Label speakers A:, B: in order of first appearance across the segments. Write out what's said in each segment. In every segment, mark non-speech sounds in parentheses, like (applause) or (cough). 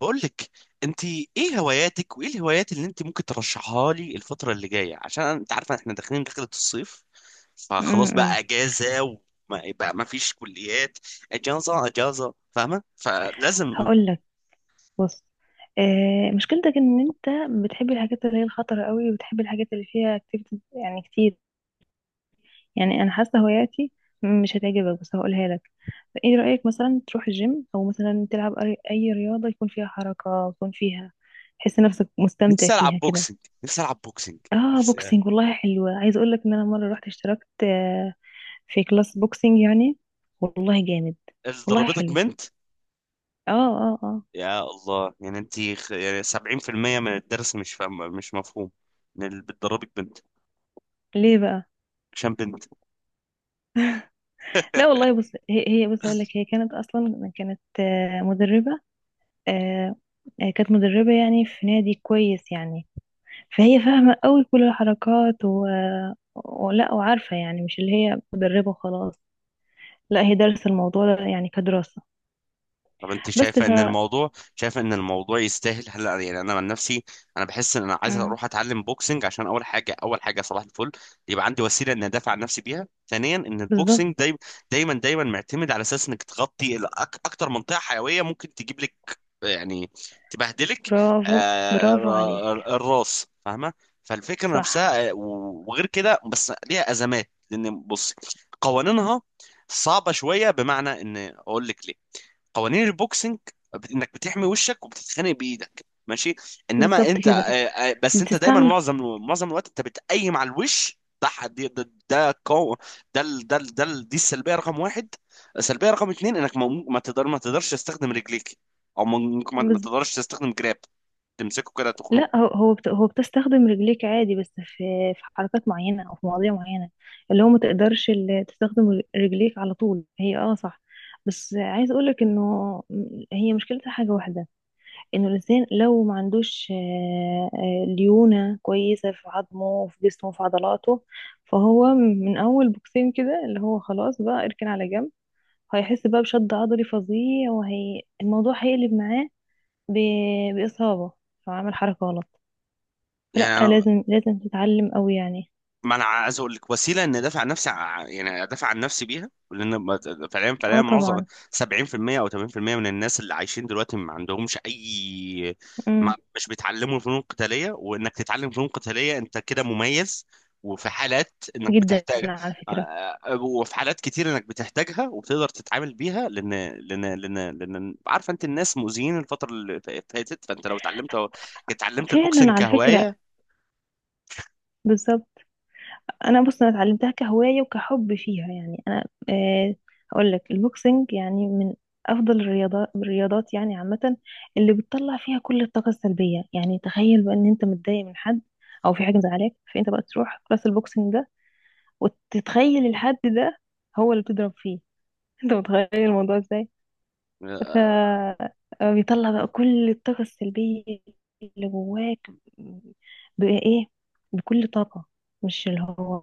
A: بقول لك، انت ايه هواياتك وايه الهوايات اللي انت ممكن ترشحها لي الفتره اللي جايه؟ عشان انت عارفه احنا داخلين دخلة الصيف، فخلاص
B: امم
A: بقى اجازه، وما بقى ما فيش كليات. اجازه اجازه فاهمه، فلازم.
B: هقول لك. بص. مشكلتك ان انت بتحب الحاجات اللي هي الخطرة قوي وبتحب الحاجات اللي فيها اكتيفيتيز يعني كتير. يعني انا حاسة هواياتي مش هتعجبك، بس هقولها لك. ايه رأيك مثلا تروح الجيم او مثلا تلعب أي رياضة يكون فيها حركة، يكون فيها تحس نفسك مستمتع
A: نفسي العب
B: فيها كده؟
A: بوكسنج نفسي العب بوكسنج.
B: اه
A: نفسي.
B: بوكسينج والله حلوة. عايز اقول لك ان انا مرة رحت اشتركت في كلاس بوكسينج يعني. والله جامد.
A: اللي
B: والله
A: ضربتك
B: حلو.
A: بنت؟
B: اه. اه اه.
A: يا الله، يعني 70% من الدرس مش فاهم، مش مفهوم، من اللي بتضربك بنت؟
B: ليه بقى؟
A: عشان بنت.
B: لا والله. بص هي. بص اقول لك، هي كانت مدربه. آه، كانت مدربه يعني، في نادي كويس يعني. فهي فاهمه قوي كل الحركات ولا وعارفه يعني، مش اللي هي مدربه وخلاص. لا، هي دارسه الموضوع ده يعني كدراسه.
A: طب انت
B: بس
A: شايفه
B: ف
A: ان الموضوع، شايفه ان الموضوع يستاهل هلا؟ يعني انا عن نفسي، انا بحس ان انا عايز
B: مم.
A: اروح اتعلم بوكسنج، عشان اول حاجه، اول حاجه صباح الفل، يبقى عندي وسيله ان ادافع عن نفسي بيها. ثانيا، ان البوكسنج
B: بالظبط.
A: دايما معتمد على اساس انك تغطي اكتر منطقه حيويه ممكن تجيب لك، يعني، تبهدلك.
B: برافو.
A: آه،
B: برافو عليك.
A: الراس، فاهمه؟ فالفكره
B: صح.
A: نفسها، آه، وغير كده بس ليها ازمات، لان بص، قوانينها صعبه شويه. بمعنى ان اقول لك ليه، قوانين البوكسنج انك بتحمي وشك وبتتخانق بايدك، ماشي؟ انما
B: بالظبط
A: انت آه،
B: كده.
A: آه، بس انت دايما
B: بتستعمل.
A: معظم، معظم الوقت انت بتقيم على الوش ده. حد- ده ده قو- ده ال- ده ال- ده ال- دي السلبيه رقم واحد. السلبيه رقم اتنين، انك ما تقدرش تستخدم رجليك، او ممكن ما تقدرش تستخدم جراب، تمسكه كده تخنقه.
B: لا، هو بتستخدم رجليك عادي، بس في حركات معينة أو في مواضيع معينة، اللي هو ما تقدرش تستخدم رجليك على طول. هي اه صح. بس عايز أقولك إنه، هي مشكلتها حاجة واحدة. إنه الإنسان لو ما عندوش ليونة كويسة في عظمه وفي جسمه وفي عضلاته، فهو من أول بوكسين كده اللي هو خلاص بقى اركن على جنب. هيحس بقى بشد عضلي فظيع، وهي الموضوع هيقلب معاه بإصابة لو عمل حركة غلط. فلا،
A: يعني
B: لازم لازم تتعلم قوي يعني.
A: ما انا عايز اقول لك وسيله ان ادافع عن نفسي، يعني ادافع عن نفسي بيها، لان فعليا،
B: اه
A: فعليا معظم،
B: طبعا.
A: 70% او 80% من الناس اللي عايشين دلوقتي ما عندهمش اي،
B: امم.
A: ما مش بيتعلموا فنون قتاليه، وانك تتعلم فنون قتاليه انت كده مميز، وفي حالات انك
B: جدا
A: بتحتاجها.
B: على
A: آه،
B: فكرة.
A: آه، آه، وفي حالات كتير انك بتحتاجها وبتقدر تتعامل بيها، لان عارفه انت الناس مؤذيين الفتره اللي فاتت، فانت لو اتعلمت
B: فعلا
A: البوكسنج
B: على فكرة.
A: كهوايه.
B: بالظبط. بص، انا اتعلمتها كهواية وكحب فيها يعني. انا اقول لك، البوكسنج يعني من افضل الرياضات، يعني عامة، اللي بتطلع فيها كل الطاقة السلبية. يعني تخيل بقى ان انت متضايق من حد او في حاجة مزعلاك، فانت بقى تروح كلاس البوكسنج ده وتتخيل الحد ده هو اللي بتضرب فيه. (laughs) انت متخيل الموضوع ازاي؟
A: اه،
B: فبيطلع بقى كل الطاقة السلبية اللي جواك. بقى ايه؟ بكل طاقة. مش اللي هو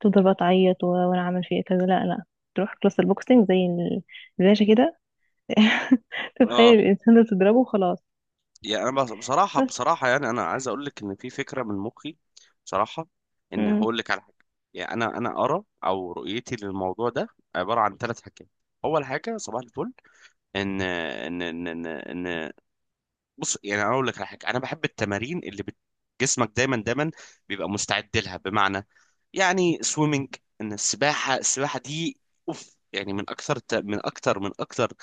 B: تفضل بقى تعيط و- وانا عامل فيه كذا. لا لا، تروح كلاس البوكسينج زي الباشا كده. (laughs)
A: آه،
B: تتخيل الانسان ده تضربه وخلاص.
A: يعني انا بصراحه،
B: بس.
A: بصراحه يعني انا عايز اقول لك ان في فكره من مخي بصراحه، ان
B: مم.
A: هقول لك على حاجه. يعني انا، انا ارى او رؤيتي للموضوع ده عباره عن ثلاث حاجات. اول حاجه صباح الفل، ان ان ان ان, إن بص، يعني انا اقول لك على حاجه، انا بحب التمارين اللي جسمك دايما دايما بيبقى مستعد لها، بمعنى، يعني سويمنج، ان السباحه، السباحه دي اوف، يعني من اكثر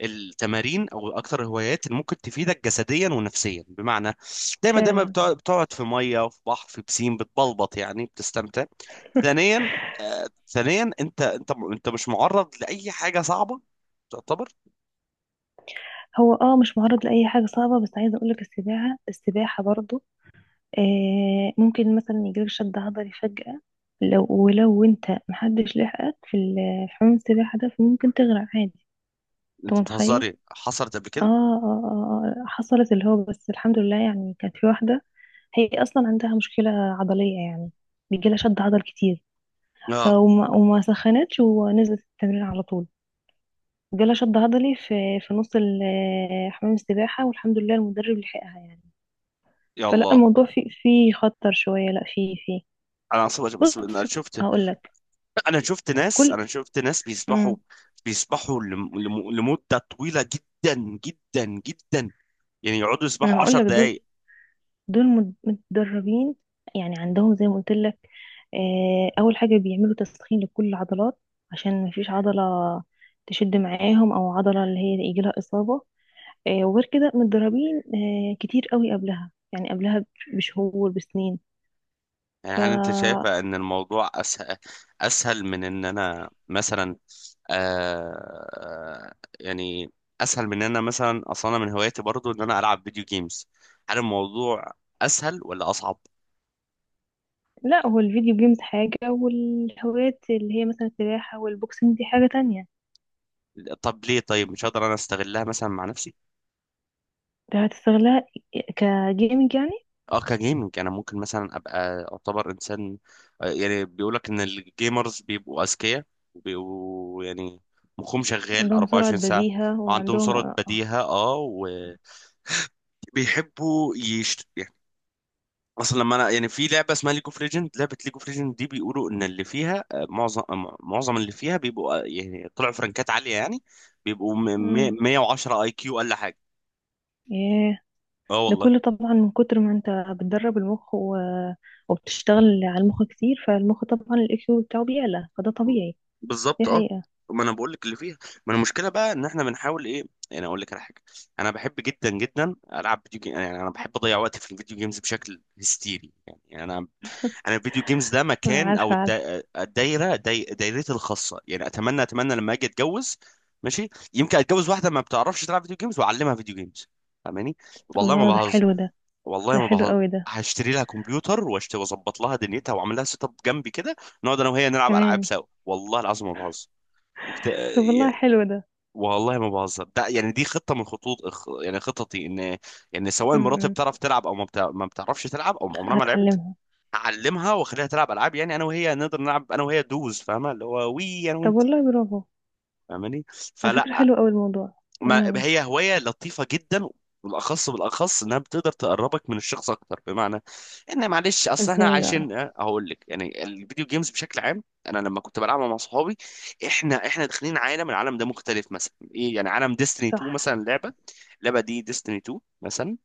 A: التمارين، او اكثر الهوايات اللي ممكن تفيدك جسديا ونفسيا، بمعنى دايما دايما
B: فعلا.
A: بتقعد في ميه، وفي بحر، في بسين، بتبلبط، يعني بتستمتع. ثانيا، آه ثانيا، انت مش معرض لاي حاجه صعبه تعتبر.
B: هو مش معرض لأي حاجة صعبة، بس عايزة اقولك السباحة السباحة برضو ممكن مثلا يجيلك شد عضلي فجأة. لو انت محدش لحقك في حمام السباحة ده، فممكن تغرق عادي. انت
A: انت
B: متخيل؟
A: بتهزري، حصلت قبل
B: اه اه
A: كده؟
B: اه. حصلت اللي هو، بس الحمد لله يعني. كانت في واحدة هي اصلا عندها مشكلة عضلية يعني، بيجيلها شد عضل كتير.
A: اه،
B: فوما سخنتش ونزلت التمرين على طول. جالها شد عضلي في نص حمام السباحة، والحمد لله المدرب لحقها يعني. فلا،
A: يلا.
B: الموضوع فيه خطر شوية. لا، فيه.
A: انا اصلا انا
B: بص
A: شفت،
B: هقول لك. كل
A: انا شفت ناس بيسبحوا،
B: امم
A: بيسبحوا لمدة طويلة جدا جدا جدا، يعني يقعدوا
B: انا
A: يسبحوا
B: هقول
A: عشر
B: لك، دول
A: دقايق.
B: دول متدربين يعني. عندهم زي ما قلت لك، اول حاجه بيعملوا تسخين لكل العضلات، عشان ما فيش عضله تشد معاهم او عضله اللي هي يجي لها اصابه. وغير كده متدربين كتير قوي قبلها يعني، قبلها بشهور بسنين.
A: يعني
B: ف
A: هل انت شايفة ان الموضوع اسهل، اسهل من ان انا مثلا، آه، يعني، اسهل من ان انا مثلا؟ اصلا أنا من هواياتي برضو ان انا العب فيديو جيمز. هل الموضوع اسهل ولا اصعب؟
B: لا، هو الفيديو جيمز حاجه والهوايات اللي هي مثلا السباحه والبوكسنج دي حاجه تانية.
A: طب ليه؟ طيب مش هقدر انا استغلها مثلا مع نفسي؟
B: ده هتستغلها كجيمنج.
A: اه، كجيمنج. انا ممكن مثلا ابقى اعتبر انسان، آه، يعني بيقولك ان الجيمرز بيبقوا اذكياء وبيبقوا يعني مخهم شغال
B: عندهم سرعة
A: 24 ساعه،
B: بديهة
A: وعندهم
B: وعندهم
A: سرعه
B: آه.
A: بديهه، اه، وبيحبوا يشت، يعني، اصلا لما انا يعني، في لعبه اسمها ليج اوف ليجند. لعبه ليج اوف ليجند دي بيقولوا ان اللي فيها، آه، معظم آه، معظم اللي فيها بيبقوا، آه، يعني طلعوا فرنكات عاليه، يعني بيبقوا
B: امم.
A: 110 اي كيو اقل حاجه.
B: ياه.
A: اه
B: ده
A: والله.
B: كله طبعا من كتر ما انت بتدرب المخ و... وبتشتغل على المخ كتير، فالمخ طبعا الاي كيو بتاعه بيعلى، فده طبيعي. دي
A: بالظبط، اه.
B: حقيقة.
A: ما انا بقول لك اللي فيها، ما انا المشكله بقى ان احنا بنحاول ايه، يعني اقول لك على حاجه، انا بحب جدا جدا العب فيديو جيم. يعني انا بحب اضيع وقتي في الفيديو جيمز بشكل هستيري، يعني انا، انا الفيديو جيمز ده
B: انا
A: مكان، او
B: عارفة عارفة.
A: الدايره، دايرتي الخاصه. يعني اتمنى اتمنى لما اجي اتجوز، ماشي، يمكن اتجوز واحده ما بتعرفش تلعب فيديو جيمز، واعلمها فيديو جيمز، فاهماني؟ والله
B: الله،
A: ما
B: ده
A: بهزر.
B: حلو ده.
A: والله
B: ده
A: ما
B: حلو
A: بهزر.
B: قوي ده.
A: هشتري لها كمبيوتر، واظبط لها دنيتها، واعمل لها سيت اب جنبي كده، نقعد انا وهي نلعب العاب
B: كمان.
A: سوا. والله العظيم ما بهزر. وكت...
B: طب والله
A: يا-
B: حلو ده.
A: والله ما بهزر. ده يعني دي خطه من خطوط يعني خططي، ان، يعني سواء مراتي
B: امم.
A: بتعرف تلعب او ما بتعرفش تلعب، او عمرها ما لعبت،
B: هتعلمها.
A: هعلمها واخليها تلعب العاب، يعني انا وهي نقدر نلعب انا وهي دوز، فاهمه اللي هو وي، انا
B: طب
A: وانت،
B: والله برافو.
A: فاهماني؟
B: على فكرة
A: فلا،
B: حلو قوي الموضوع.
A: ما
B: امم.
A: هي هواية لطيفة جدا. بالأخص، بالأخص إنها بتقدر تقربك من الشخص أكتر. بمعنى إن، معلش أصل إحنا
B: ازاي بقى؟
A: عايشين، أه، هقول لك يعني الفيديو جيمز بشكل عام، أنا لما كنت بلعبها مع صحابي، إحنا داخلين عالم، العالم ده مختلف، مثلا إيه، يعني عالم ديستني 2
B: صح.
A: مثلا، لعبة، اللعبة دي ديستني 2 مثلا،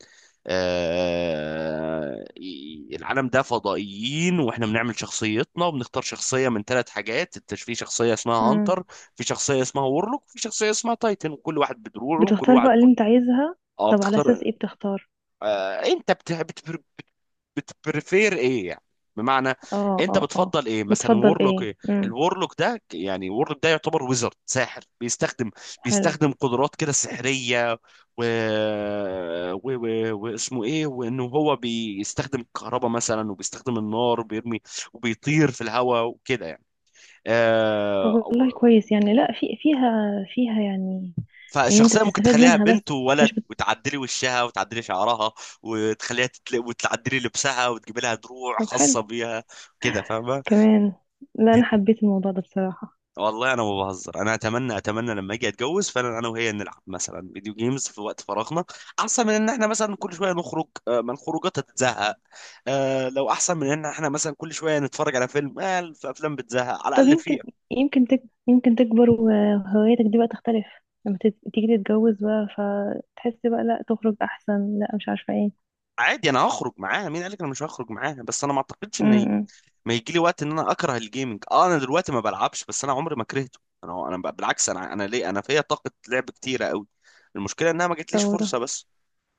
A: آه، العالم ده فضائيين، واحنا بنعمل شخصيتنا، وبنختار شخصية من ثلاث حاجات. انت في شخصية اسمها
B: امم.
A: هانتر، في شخصية اسمها وورلوك، وفي شخصية اسمها تايتن، وكل واحد بدروعه وكل
B: بتختار
A: واحد
B: بقى اللي
A: بقوته.
B: انت عايزها.
A: اه
B: طب على اساس
A: بتختار.
B: ايه بتختار؟
A: آه، انت بتبريفير ايه يعني، بمعنى،
B: اه
A: انت
B: اه اه.
A: بتفضل ايه؟ مثلا
B: بتفضل
A: وورلوك،
B: ايه؟
A: ايه الورلوك ده؟ يعني وورلوك ده يعتبر ويزرد، ساحر، بيستخدم
B: حلو.
A: بيستخدم قدرات كده سحرية، و... واسمه ايه، وانه هو بيستخدم الكهرباء مثلا، وبيستخدم النار، وبيرمي، وبيطير في الهواء، وكده يعني،
B: طب
A: آه...
B: والله
A: أو-
B: كويس يعني. لا، في فيها فيها يعني، ان انت
A: فالشخصية ممكن
B: بتستفاد
A: تخليها
B: منها، بس
A: بنت وولد،
B: مش.
A: وتعدلي وشها، وتعدلي شعرها، وتعدلي لبسها، وتجيب لها دروع
B: طب حلو.
A: خاصة بيها، كده فاهم؟
B: كمان. لا انا حبيت الموضوع ده بصراحة.
A: والله انا ما بهزر، انا اتمنى اتمنى لما اجي اتجوز فعلا انا وهي نلعب مثلا فيديو جيمز في وقت فراغنا، احسن من ان احنا مثلا كل شويه نخرج، آه، ما الخروجات هتزهق، آه، لو احسن من ان احنا مثلا كل شويه نتفرج على فيلم، آه، في افلام بتزهق على
B: طب
A: الاقل
B: يمكن
A: فيها.
B: يمكن تك... يمكن تكبر وهواياتك دي بقى تختلف. لما تيجي تتجوز بقى، فتحس بقى لا تخرج احسن، لا مش عارفة ايه.
A: عادي انا هخرج معاها، مين قالك انا مش هخرج معاها؟ بس انا ما اعتقدش ان هيجي،
B: امم.
A: ما يجي لي وقت ان انا اكره الجيمنج. اه انا دلوقتي ما بلعبش، بس انا عمري ما كرهته، انا، انا بالعكس، انا ليه، انا فيا طاقه لعب كتيره قوي، المشكله انها ما جاتليش
B: طب
A: فرصه بس،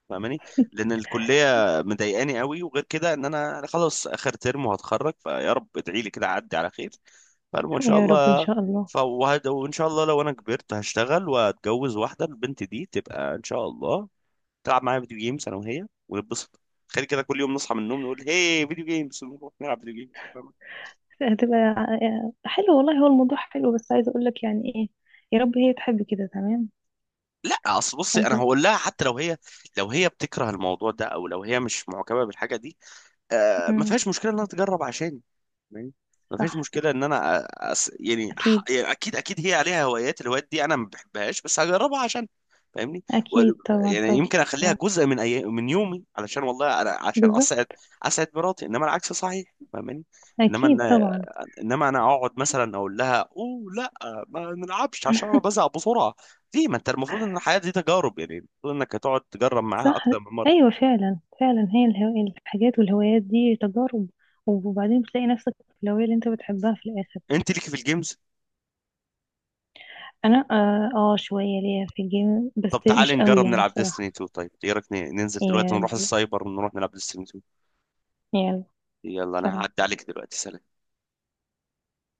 A: فاهماني؟ لان الكليه مضايقاني قوي، وغير كده ان انا، أنا خلاص اخر ترم، وهتخرج فيا رب، ادعي لي كده اعدي على خير، فالمهم ان شاء
B: يا رب ان
A: الله.
B: شاء الله.
A: ف وان شاء الله لو انا كبرت هشتغل واتجوز واحده، البنت دي تبقى ان شاء الله تلعب معايا فيديو جيمز، انا وهي ونتبسط، تخيل كده كل يوم نصحى من النوم نقول هي فيديو جيمز ونروح نلعب فيديو جيمز، فاهمة؟
B: هتبقى حلو والله. هو الموضوع حلو، بس عايزة اقول لك يعني ايه. يا رب هي تحب كده تمام.
A: لا اصل بصي،
B: انت.
A: انا هقول لها حتى لو هي، لو هي بتكره الموضوع ده او لو هي مش معجبه بالحاجه دي، آه ما
B: امم.
A: فيهاش مشكله انها تجرب عشاني، ما فيش
B: صح
A: مشكله
B: صح.
A: ان انا يعني
B: اكيد.
A: يعني اكيد اكيد هي عليها هوايات، الهوايات دي انا ما بحبهاش بس هجربها عشان، فاهمني؟ و...
B: أكيد طبعا
A: يعني يمكن اخليها
B: طبعا.
A: جزء من من يومي، علشان والله انا عشان اسعد،
B: بالظبط.
A: اسعد مراتي، انما العكس صحيح فاهماني؟ انما ان
B: أكيد طبعا.
A: انما انا اقعد مثلا اقول لها اوه لا، ما نلعبش عشان انا بزهق بسرعه، ليه؟ ما انت المفروض ان الحياه دي تجارب، يعني المفروض انك هتقعد تجرب معاها
B: صح.
A: اكتر من مره.
B: أيوة فعلا فعلا. هي الحاجات والهوايات دي تجارب، وبعدين بتلاقي نفسك في الهواية اللي أنت بتحبها في الآخر.
A: انت ليكي في الجيمز؟
B: أنا شوية ليا في الجيم،
A: طب
B: بس مش
A: تعالي
B: قوي
A: نجرب
B: يعني
A: نلعب
B: بصراحة.
A: ديستني 2. طيب ايه رايك ننزل دلوقتي نروح
B: يلا.
A: السايبر ونروح نلعب ديستني 2؟
B: يلا.
A: يلا، انا
B: سلام.
A: هعدي عليك دلوقتي، سلام.